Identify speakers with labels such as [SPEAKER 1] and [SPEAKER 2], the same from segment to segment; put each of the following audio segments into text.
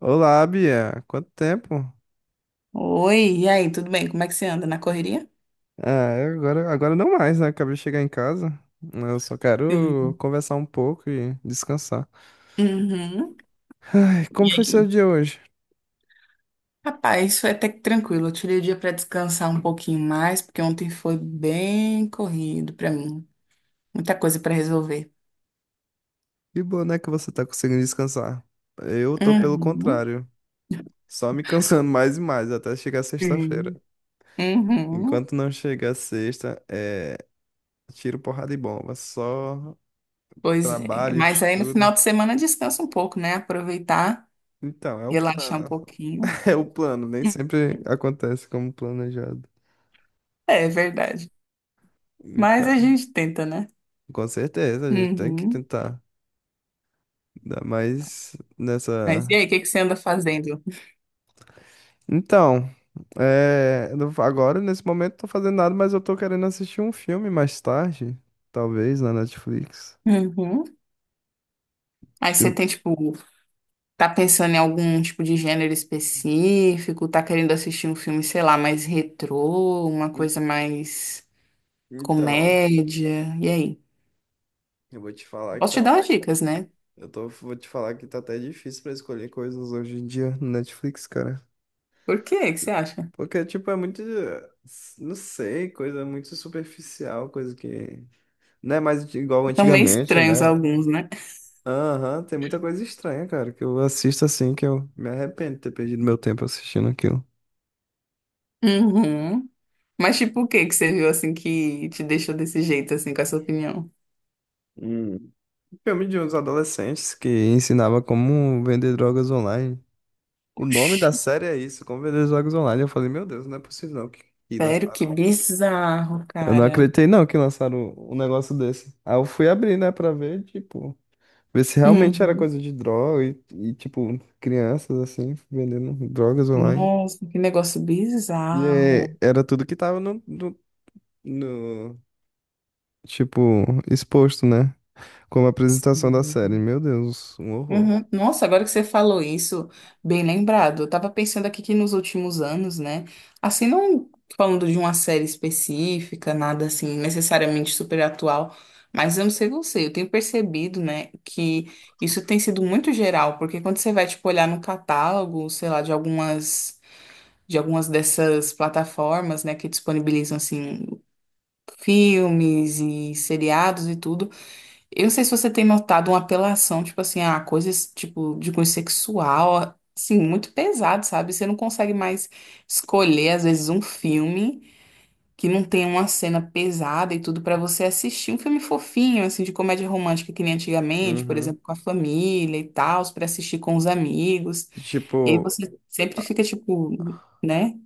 [SPEAKER 1] Olá, Bia. Quanto tempo?
[SPEAKER 2] Oi, e aí, tudo bem? Como é que você anda? Na correria?
[SPEAKER 1] Ah, eu agora não mais, né? Acabei de chegar em casa. Eu só quero
[SPEAKER 2] Sim.
[SPEAKER 1] conversar um pouco e descansar.
[SPEAKER 2] Uhum.
[SPEAKER 1] Ai,
[SPEAKER 2] E
[SPEAKER 1] como foi seu
[SPEAKER 2] aí?
[SPEAKER 1] dia hoje?
[SPEAKER 2] Rapaz, foi até que tranquilo. Eu tirei o dia para descansar um pouquinho mais, porque ontem foi bem corrido para mim. Muita coisa para resolver.
[SPEAKER 1] Que bom, né, que você tá conseguindo descansar. Eu tô
[SPEAKER 2] É.
[SPEAKER 1] pelo
[SPEAKER 2] Uhum.
[SPEAKER 1] contrário, só me cansando mais e mais até chegar sexta-feira.
[SPEAKER 2] Sim. Uhum.
[SPEAKER 1] Enquanto não chegar sexta, é tiro, porrada e bomba. Só
[SPEAKER 2] Pois é.
[SPEAKER 1] trabalho,
[SPEAKER 2] Mas aí no
[SPEAKER 1] estudo.
[SPEAKER 2] final de semana descansa um pouco, né? Aproveitar,
[SPEAKER 1] Então, é o
[SPEAKER 2] relaxar um
[SPEAKER 1] plano.
[SPEAKER 2] pouquinho.
[SPEAKER 1] É o plano, nem sempre acontece como planejado.
[SPEAKER 2] É, verdade. Mas a
[SPEAKER 1] Então.
[SPEAKER 2] gente tenta, né?
[SPEAKER 1] Com certeza, a gente tem que
[SPEAKER 2] Uhum.
[SPEAKER 1] tentar dar mais
[SPEAKER 2] Mas e
[SPEAKER 1] nessa.
[SPEAKER 2] aí, o que que você anda fazendo?
[SPEAKER 1] Então, eu não- agora nesse momento não tô fazendo nada, mas eu tô querendo assistir um filme mais tarde, talvez na Netflix.
[SPEAKER 2] Uhum. Aí você
[SPEAKER 1] Eu-
[SPEAKER 2] tem, tipo, tá pensando em algum tipo de gênero específico? Tá querendo assistir um filme, sei lá, mais retrô, uma
[SPEAKER 1] en-
[SPEAKER 2] coisa mais
[SPEAKER 1] Então,
[SPEAKER 2] comédia? E aí?
[SPEAKER 1] eu vou te falar que
[SPEAKER 2] Posso te
[SPEAKER 1] tá,
[SPEAKER 2] dar umas dicas, né?
[SPEAKER 1] eu tô, vou te falar que tá até difícil pra escolher coisas hoje em dia no Netflix, cara.
[SPEAKER 2] Por quê? O que você acha?
[SPEAKER 1] Porque, tipo, não sei, coisa muito superficial, coisa que não é mais igual
[SPEAKER 2] São meio
[SPEAKER 1] antigamente,
[SPEAKER 2] estranhos
[SPEAKER 1] né?
[SPEAKER 2] alguns, né?
[SPEAKER 1] Aham, tem muita coisa estranha, cara, que eu assisto assim, que eu me arrependo de ter perdido meu tempo assistindo aquilo.
[SPEAKER 2] Uhum. Mas tipo, o que que você viu assim que te deixou desse jeito, assim, com essa opinião?
[SPEAKER 1] Hum. Filme de uns adolescentes que ensinava como vender drogas online. O nome da
[SPEAKER 2] Oxi,
[SPEAKER 1] série é isso, como vender drogas online. Eu falei, meu Deus, não é possível não que, que
[SPEAKER 2] sério, que
[SPEAKER 1] lançaram.
[SPEAKER 2] bizarro,
[SPEAKER 1] Eu não
[SPEAKER 2] cara.
[SPEAKER 1] acreditei não que lançaram um negócio desse. Aí eu fui abrir, né, pra ver, tipo, ver se realmente era
[SPEAKER 2] Uhum.
[SPEAKER 1] coisa de droga e tipo, crianças assim, vendendo drogas online.
[SPEAKER 2] Nossa, que negócio
[SPEAKER 1] E
[SPEAKER 2] bizarro.
[SPEAKER 1] é, era tudo que tava no, tipo, exposto, né? Como a apresentação da
[SPEAKER 2] Sim.
[SPEAKER 1] série. Meu Deus, um horror.
[SPEAKER 2] Uhum. Nossa, agora que você falou isso, bem lembrado. Eu tava pensando aqui que nos últimos anos, né? Assim, não falando de uma série específica, nada assim necessariamente super atual, mas eu não sei você, eu tenho percebido, né, que isso tem sido muito geral, porque quando você vai, tipo, olhar no catálogo, sei lá, de algumas dessas plataformas, né, que disponibilizam, assim, filmes e seriados e tudo. Eu não sei se você tem notado uma apelação, tipo assim, a coisas tipo de cunho sexual, assim, muito pesado, sabe? Você não consegue mais escolher, às vezes, um filme que não tem uma cena pesada e tudo pra você assistir. Um filme fofinho, assim, de comédia romântica, que nem antigamente, por
[SPEAKER 1] Uhum.
[SPEAKER 2] exemplo, com a família e tal, pra assistir com os amigos.
[SPEAKER 1] E,
[SPEAKER 2] E aí
[SPEAKER 1] tipo,
[SPEAKER 2] você sempre fica, tipo, né,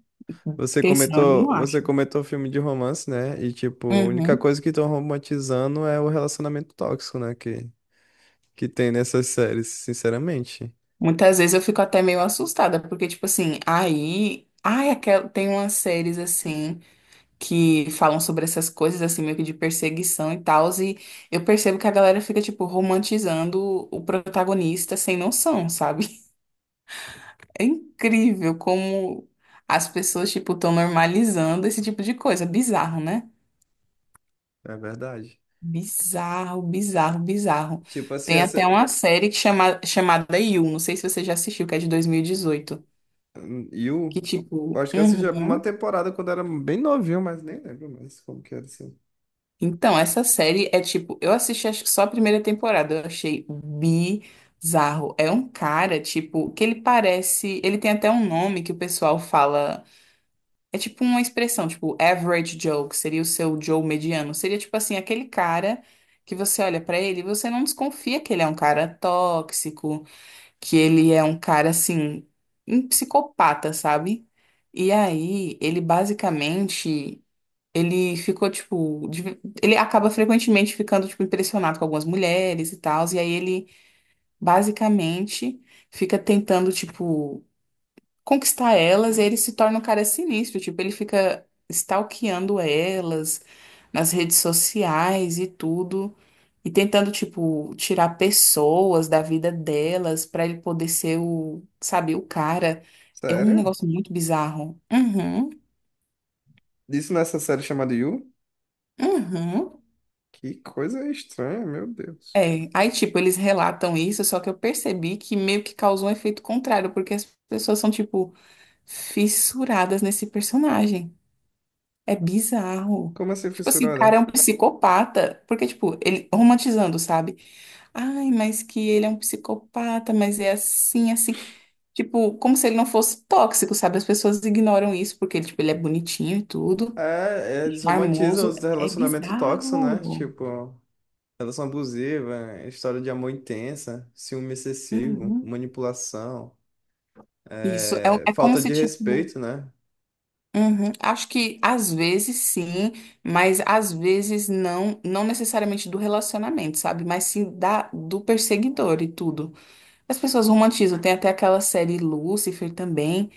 [SPEAKER 2] pensando, não acho.
[SPEAKER 1] você comentou filme de romance, né? E tipo, a única
[SPEAKER 2] Uhum.
[SPEAKER 1] coisa que estão romantizando é o relacionamento tóxico, né? Que tem nessas séries, sinceramente.
[SPEAKER 2] Muitas vezes eu fico até meio assustada, porque, tipo assim, aí. Ai, tem umas séries assim que falam sobre essas coisas, assim, meio que de perseguição e tal, e eu percebo que a galera fica, tipo, romantizando o protagonista sem noção, sabe? É incrível como as pessoas, tipo, estão normalizando esse tipo de coisa. Bizarro, né?
[SPEAKER 1] É verdade.
[SPEAKER 2] Bizarro, bizarro, bizarro.
[SPEAKER 1] Tipo assim,
[SPEAKER 2] Tem até
[SPEAKER 1] essa.
[SPEAKER 2] uma série que chamada You, não sei se você já assistiu, que é de 2018. Que
[SPEAKER 1] You. Eu
[SPEAKER 2] tipo,
[SPEAKER 1] acho que eu assisti uma
[SPEAKER 2] uhum.
[SPEAKER 1] temporada quando era bem novinho, mas nem lembro mais como que era assim.
[SPEAKER 2] Então, essa série é tipo, eu assisti acho que só a primeira temporada, eu achei bizarro. É um cara, tipo, que ele parece, ele tem até um nome que o pessoal fala, é tipo uma expressão, tipo, average Joe, que seria o seu Joe mediano. Seria tipo assim, aquele cara que você olha pra ele e você não desconfia que ele é um cara tóxico, que ele é um cara assim, um psicopata, sabe? E aí, ele ficou, tipo, ele acaba frequentemente ficando, tipo, impressionado com algumas mulheres e tal, e aí ele basicamente fica tentando, tipo, conquistar elas, e aí ele se torna um cara sinistro, tipo, ele fica stalkeando elas nas redes sociais e tudo, e tentando, tipo, tirar pessoas da vida delas pra ele poder ser o, sabe, o cara. É um
[SPEAKER 1] Sério?
[SPEAKER 2] negócio muito bizarro. Uhum,
[SPEAKER 1] Isso nessa série chamada You?
[SPEAKER 2] uhum.
[SPEAKER 1] Que coisa estranha, meu Deus.
[SPEAKER 2] É, aí tipo, eles relatam isso, só que eu percebi que meio que causou um efeito contrário, porque as pessoas são tipo fissuradas nesse personagem. É bizarro.
[SPEAKER 1] Como assim,
[SPEAKER 2] Tipo assim, o cara
[SPEAKER 1] fissurada?
[SPEAKER 2] é um psicopata, porque tipo, ele romantizando, sabe? Ai, mas que ele é um psicopata, mas é assim, assim. Tipo, como se ele não fosse tóxico, sabe? As pessoas ignoram isso porque ele, tipo, ele é bonitinho e tudo,
[SPEAKER 1] É, eles romantizam
[SPEAKER 2] charmoso.
[SPEAKER 1] os
[SPEAKER 2] É
[SPEAKER 1] relacionamentos tóxicos, né?
[SPEAKER 2] bizarro.
[SPEAKER 1] Tipo, relação abusiva, história de amor intensa, ciúme excessivo,
[SPEAKER 2] Uhum.
[SPEAKER 1] manipulação,
[SPEAKER 2] Isso é, um, é como
[SPEAKER 1] falta
[SPEAKER 2] se
[SPEAKER 1] de
[SPEAKER 2] tipo.
[SPEAKER 1] respeito, né?
[SPEAKER 2] Uhum. Acho que às vezes sim, mas às vezes não, não necessariamente do relacionamento, sabe? Mas sim do perseguidor e tudo. As pessoas romantizam, tem até aquela série Lúcifer também,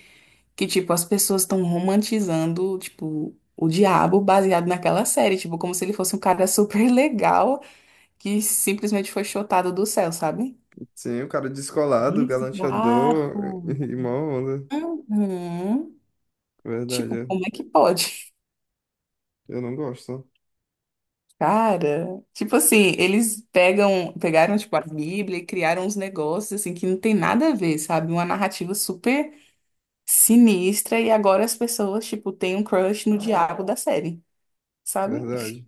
[SPEAKER 2] que tipo, as pessoas estão romantizando, tipo, o diabo baseado naquela série, tipo, como se ele fosse um cara super legal que simplesmente foi chutado do céu, sabe?
[SPEAKER 1] Sim, o cara descolado,
[SPEAKER 2] Bizarro.
[SPEAKER 1] galanteador e mó onda.
[SPEAKER 2] Uhum.
[SPEAKER 1] Verdade,
[SPEAKER 2] Tipo,
[SPEAKER 1] é.
[SPEAKER 2] como é que pode?
[SPEAKER 1] Eu não gosto.
[SPEAKER 2] Cara, tipo assim, pegaram tipo a Bíblia e criaram uns negócios assim que não tem nada a ver, sabe? Uma narrativa super sinistra e agora as pessoas tipo têm um crush no diabo da série, sabe?
[SPEAKER 1] Verdade.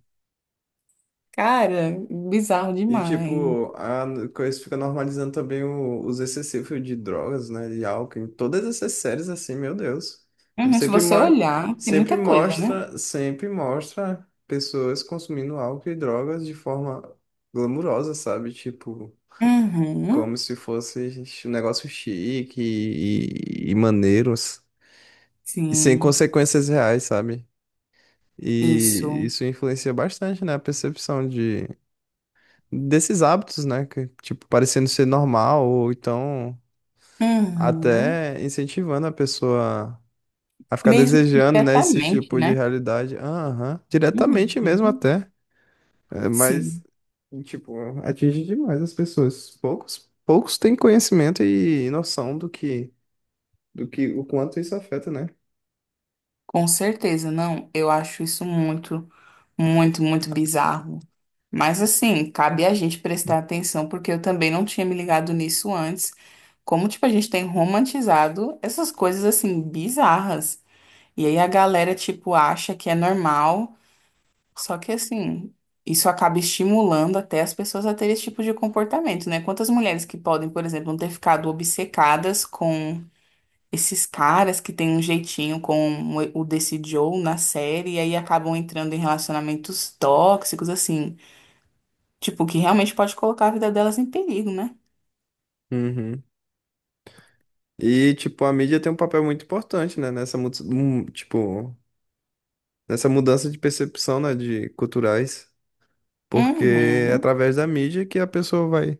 [SPEAKER 2] Cara, bizarro
[SPEAKER 1] E,
[SPEAKER 2] demais.
[SPEAKER 1] tipo, a coisa fica normalizando também os excessivos de drogas, né? De álcool, em todas essas séries, assim, meu Deus.
[SPEAKER 2] Uhum, se
[SPEAKER 1] Sempre, mo
[SPEAKER 2] você olhar, tem muita coisa, né?
[SPEAKER 1] sempre mostra pessoas consumindo álcool e drogas de forma glamurosa, sabe? Tipo, como
[SPEAKER 2] Uhum,
[SPEAKER 1] se fosse um negócio chique e maneiros. E sem
[SPEAKER 2] sim,
[SPEAKER 1] consequências reais, sabe? E
[SPEAKER 2] isso.
[SPEAKER 1] isso influencia bastante, né? A percepção desses hábitos, né? Que, tipo, parecendo ser normal, ou então
[SPEAKER 2] Uhum.
[SPEAKER 1] até incentivando a pessoa a ficar
[SPEAKER 2] Mesmo que
[SPEAKER 1] desejando, né, esse
[SPEAKER 2] diretamente,
[SPEAKER 1] tipo de
[SPEAKER 2] né?
[SPEAKER 1] realidade. Aham, diretamente mesmo
[SPEAKER 2] Uhum,
[SPEAKER 1] até. É, mas,
[SPEAKER 2] sim.
[SPEAKER 1] tipo, atinge demais as pessoas. Poucos têm conhecimento e noção do que, o quanto isso afeta, né?
[SPEAKER 2] Com certeza, não. Eu acho isso muito, muito, muito bizarro. Mas assim, cabe a gente prestar atenção, porque eu também não tinha me ligado nisso antes. Como, tipo, a gente tem romantizado essas coisas assim, bizarras. E aí a galera, tipo, acha que é normal. Só que assim, isso acaba estimulando até as pessoas a terem esse tipo de comportamento, né? Quantas mulheres que podem, por exemplo, não ter ficado obcecadas com esses caras que têm um jeitinho com o desse Joe na série e aí acabam entrando em relacionamentos tóxicos, assim, tipo, que realmente pode colocar a vida delas em perigo, né?
[SPEAKER 1] Uhum. E, tipo, a mídia tem um papel muito importante, né, tipo, nessa mudança de percepção, né, de culturais. Porque é
[SPEAKER 2] Uhum,
[SPEAKER 1] através da mídia que a pessoa vai,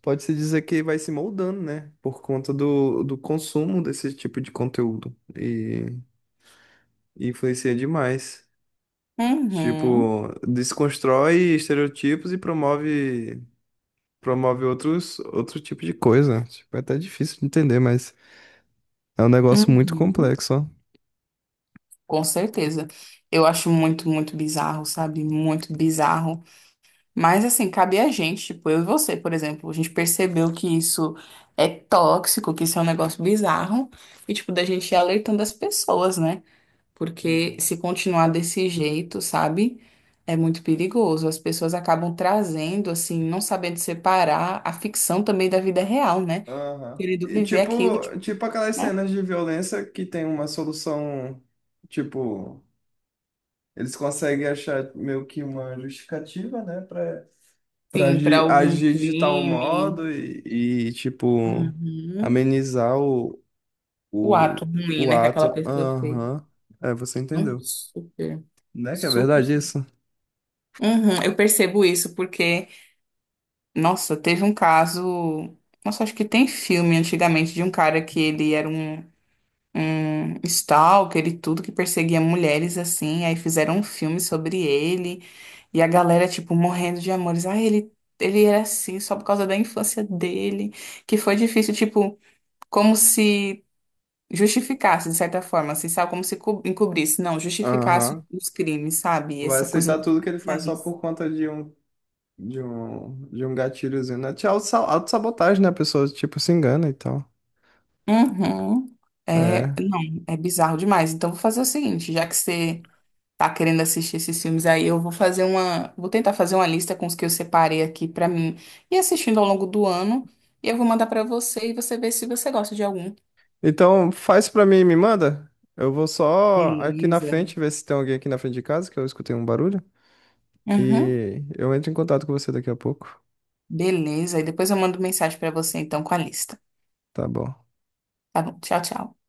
[SPEAKER 1] pode se dizer que vai se moldando, né? Por conta do consumo desse tipo de conteúdo. E influencia demais.
[SPEAKER 2] uhum,
[SPEAKER 1] Tipo, desconstrói estereotipos e promove outro tipo de coisa. Tipo, é até difícil de entender, mas. É um negócio muito
[SPEAKER 2] uhum.
[SPEAKER 1] complexo, ó.
[SPEAKER 2] Com certeza. Eu acho muito, muito bizarro, sabe? Muito bizarro. Mas, assim, cabe a gente, tipo, eu e você, por exemplo, a gente percebeu que isso é tóxico, que isso é um negócio bizarro, e, tipo, da gente ir alertando as pessoas, né? Porque
[SPEAKER 1] Uhum.
[SPEAKER 2] se continuar desse jeito, sabe? É muito perigoso. As pessoas acabam trazendo, assim, não sabendo separar a ficção também da vida real, né?
[SPEAKER 1] Aham.
[SPEAKER 2] Querendo
[SPEAKER 1] E
[SPEAKER 2] viver aquilo, tipo,
[SPEAKER 1] tipo, tipo aquelas
[SPEAKER 2] né?
[SPEAKER 1] cenas de violência que tem uma solução, tipo, eles conseguem achar meio que uma justificativa, né, pra
[SPEAKER 2] Sim, para algum
[SPEAKER 1] agir de tal
[SPEAKER 2] crime.
[SPEAKER 1] modo e tipo,
[SPEAKER 2] Uhum.
[SPEAKER 1] amenizar
[SPEAKER 2] O
[SPEAKER 1] o,
[SPEAKER 2] ato ruim,
[SPEAKER 1] o
[SPEAKER 2] né, que aquela
[SPEAKER 1] ato.
[SPEAKER 2] pessoa fez.
[SPEAKER 1] Aham. É, você entendeu.
[SPEAKER 2] Super,
[SPEAKER 1] Né que é
[SPEAKER 2] super.
[SPEAKER 1] verdade
[SPEAKER 2] Super.
[SPEAKER 1] isso?
[SPEAKER 2] Uhum, eu percebo isso porque, nossa, teve um caso. Nossa, acho que tem filme antigamente de um cara que ele era um stalker e tudo que perseguia mulheres assim. Aí fizeram um filme sobre ele e a galera, tipo, morrendo de amores. Ah, ele era assim só por causa da infância dele, que foi difícil, tipo, como se justificasse de certa forma, assim, sabe? Como se encobrisse, não, justificasse
[SPEAKER 1] Aham.
[SPEAKER 2] os crimes, sabe?
[SPEAKER 1] Vai
[SPEAKER 2] Essa coisa
[SPEAKER 1] aceitar
[SPEAKER 2] do
[SPEAKER 1] tudo que ele faz só
[SPEAKER 2] bizarrice.
[SPEAKER 1] por conta de um, de um gatilhozinho, né? Tinha auto-sabotagem, né? A pessoa, tipo, se engana e tal.
[SPEAKER 2] Uhum. É,
[SPEAKER 1] É.
[SPEAKER 2] não, é bizarro demais. Então, vou fazer o seguinte, já que você tá querendo assistir esses filmes aí, eu vou fazer uma, vou tentar fazer uma lista com os que eu separei aqui pra mim e assistindo ao longo do ano, e eu vou mandar pra você e você vê se você gosta de algum.
[SPEAKER 1] Então, faz pra mim e me manda. Eu vou só aqui na
[SPEAKER 2] Beleza.
[SPEAKER 1] frente ver se tem alguém aqui na frente de casa, que eu escutei um barulho.
[SPEAKER 2] Uhum.
[SPEAKER 1] E eu entro em contato com você daqui a pouco.
[SPEAKER 2] Beleza, e depois eu mando mensagem pra você então com a lista.
[SPEAKER 1] Tá bom.
[SPEAKER 2] Tá bom, tchau, tchau.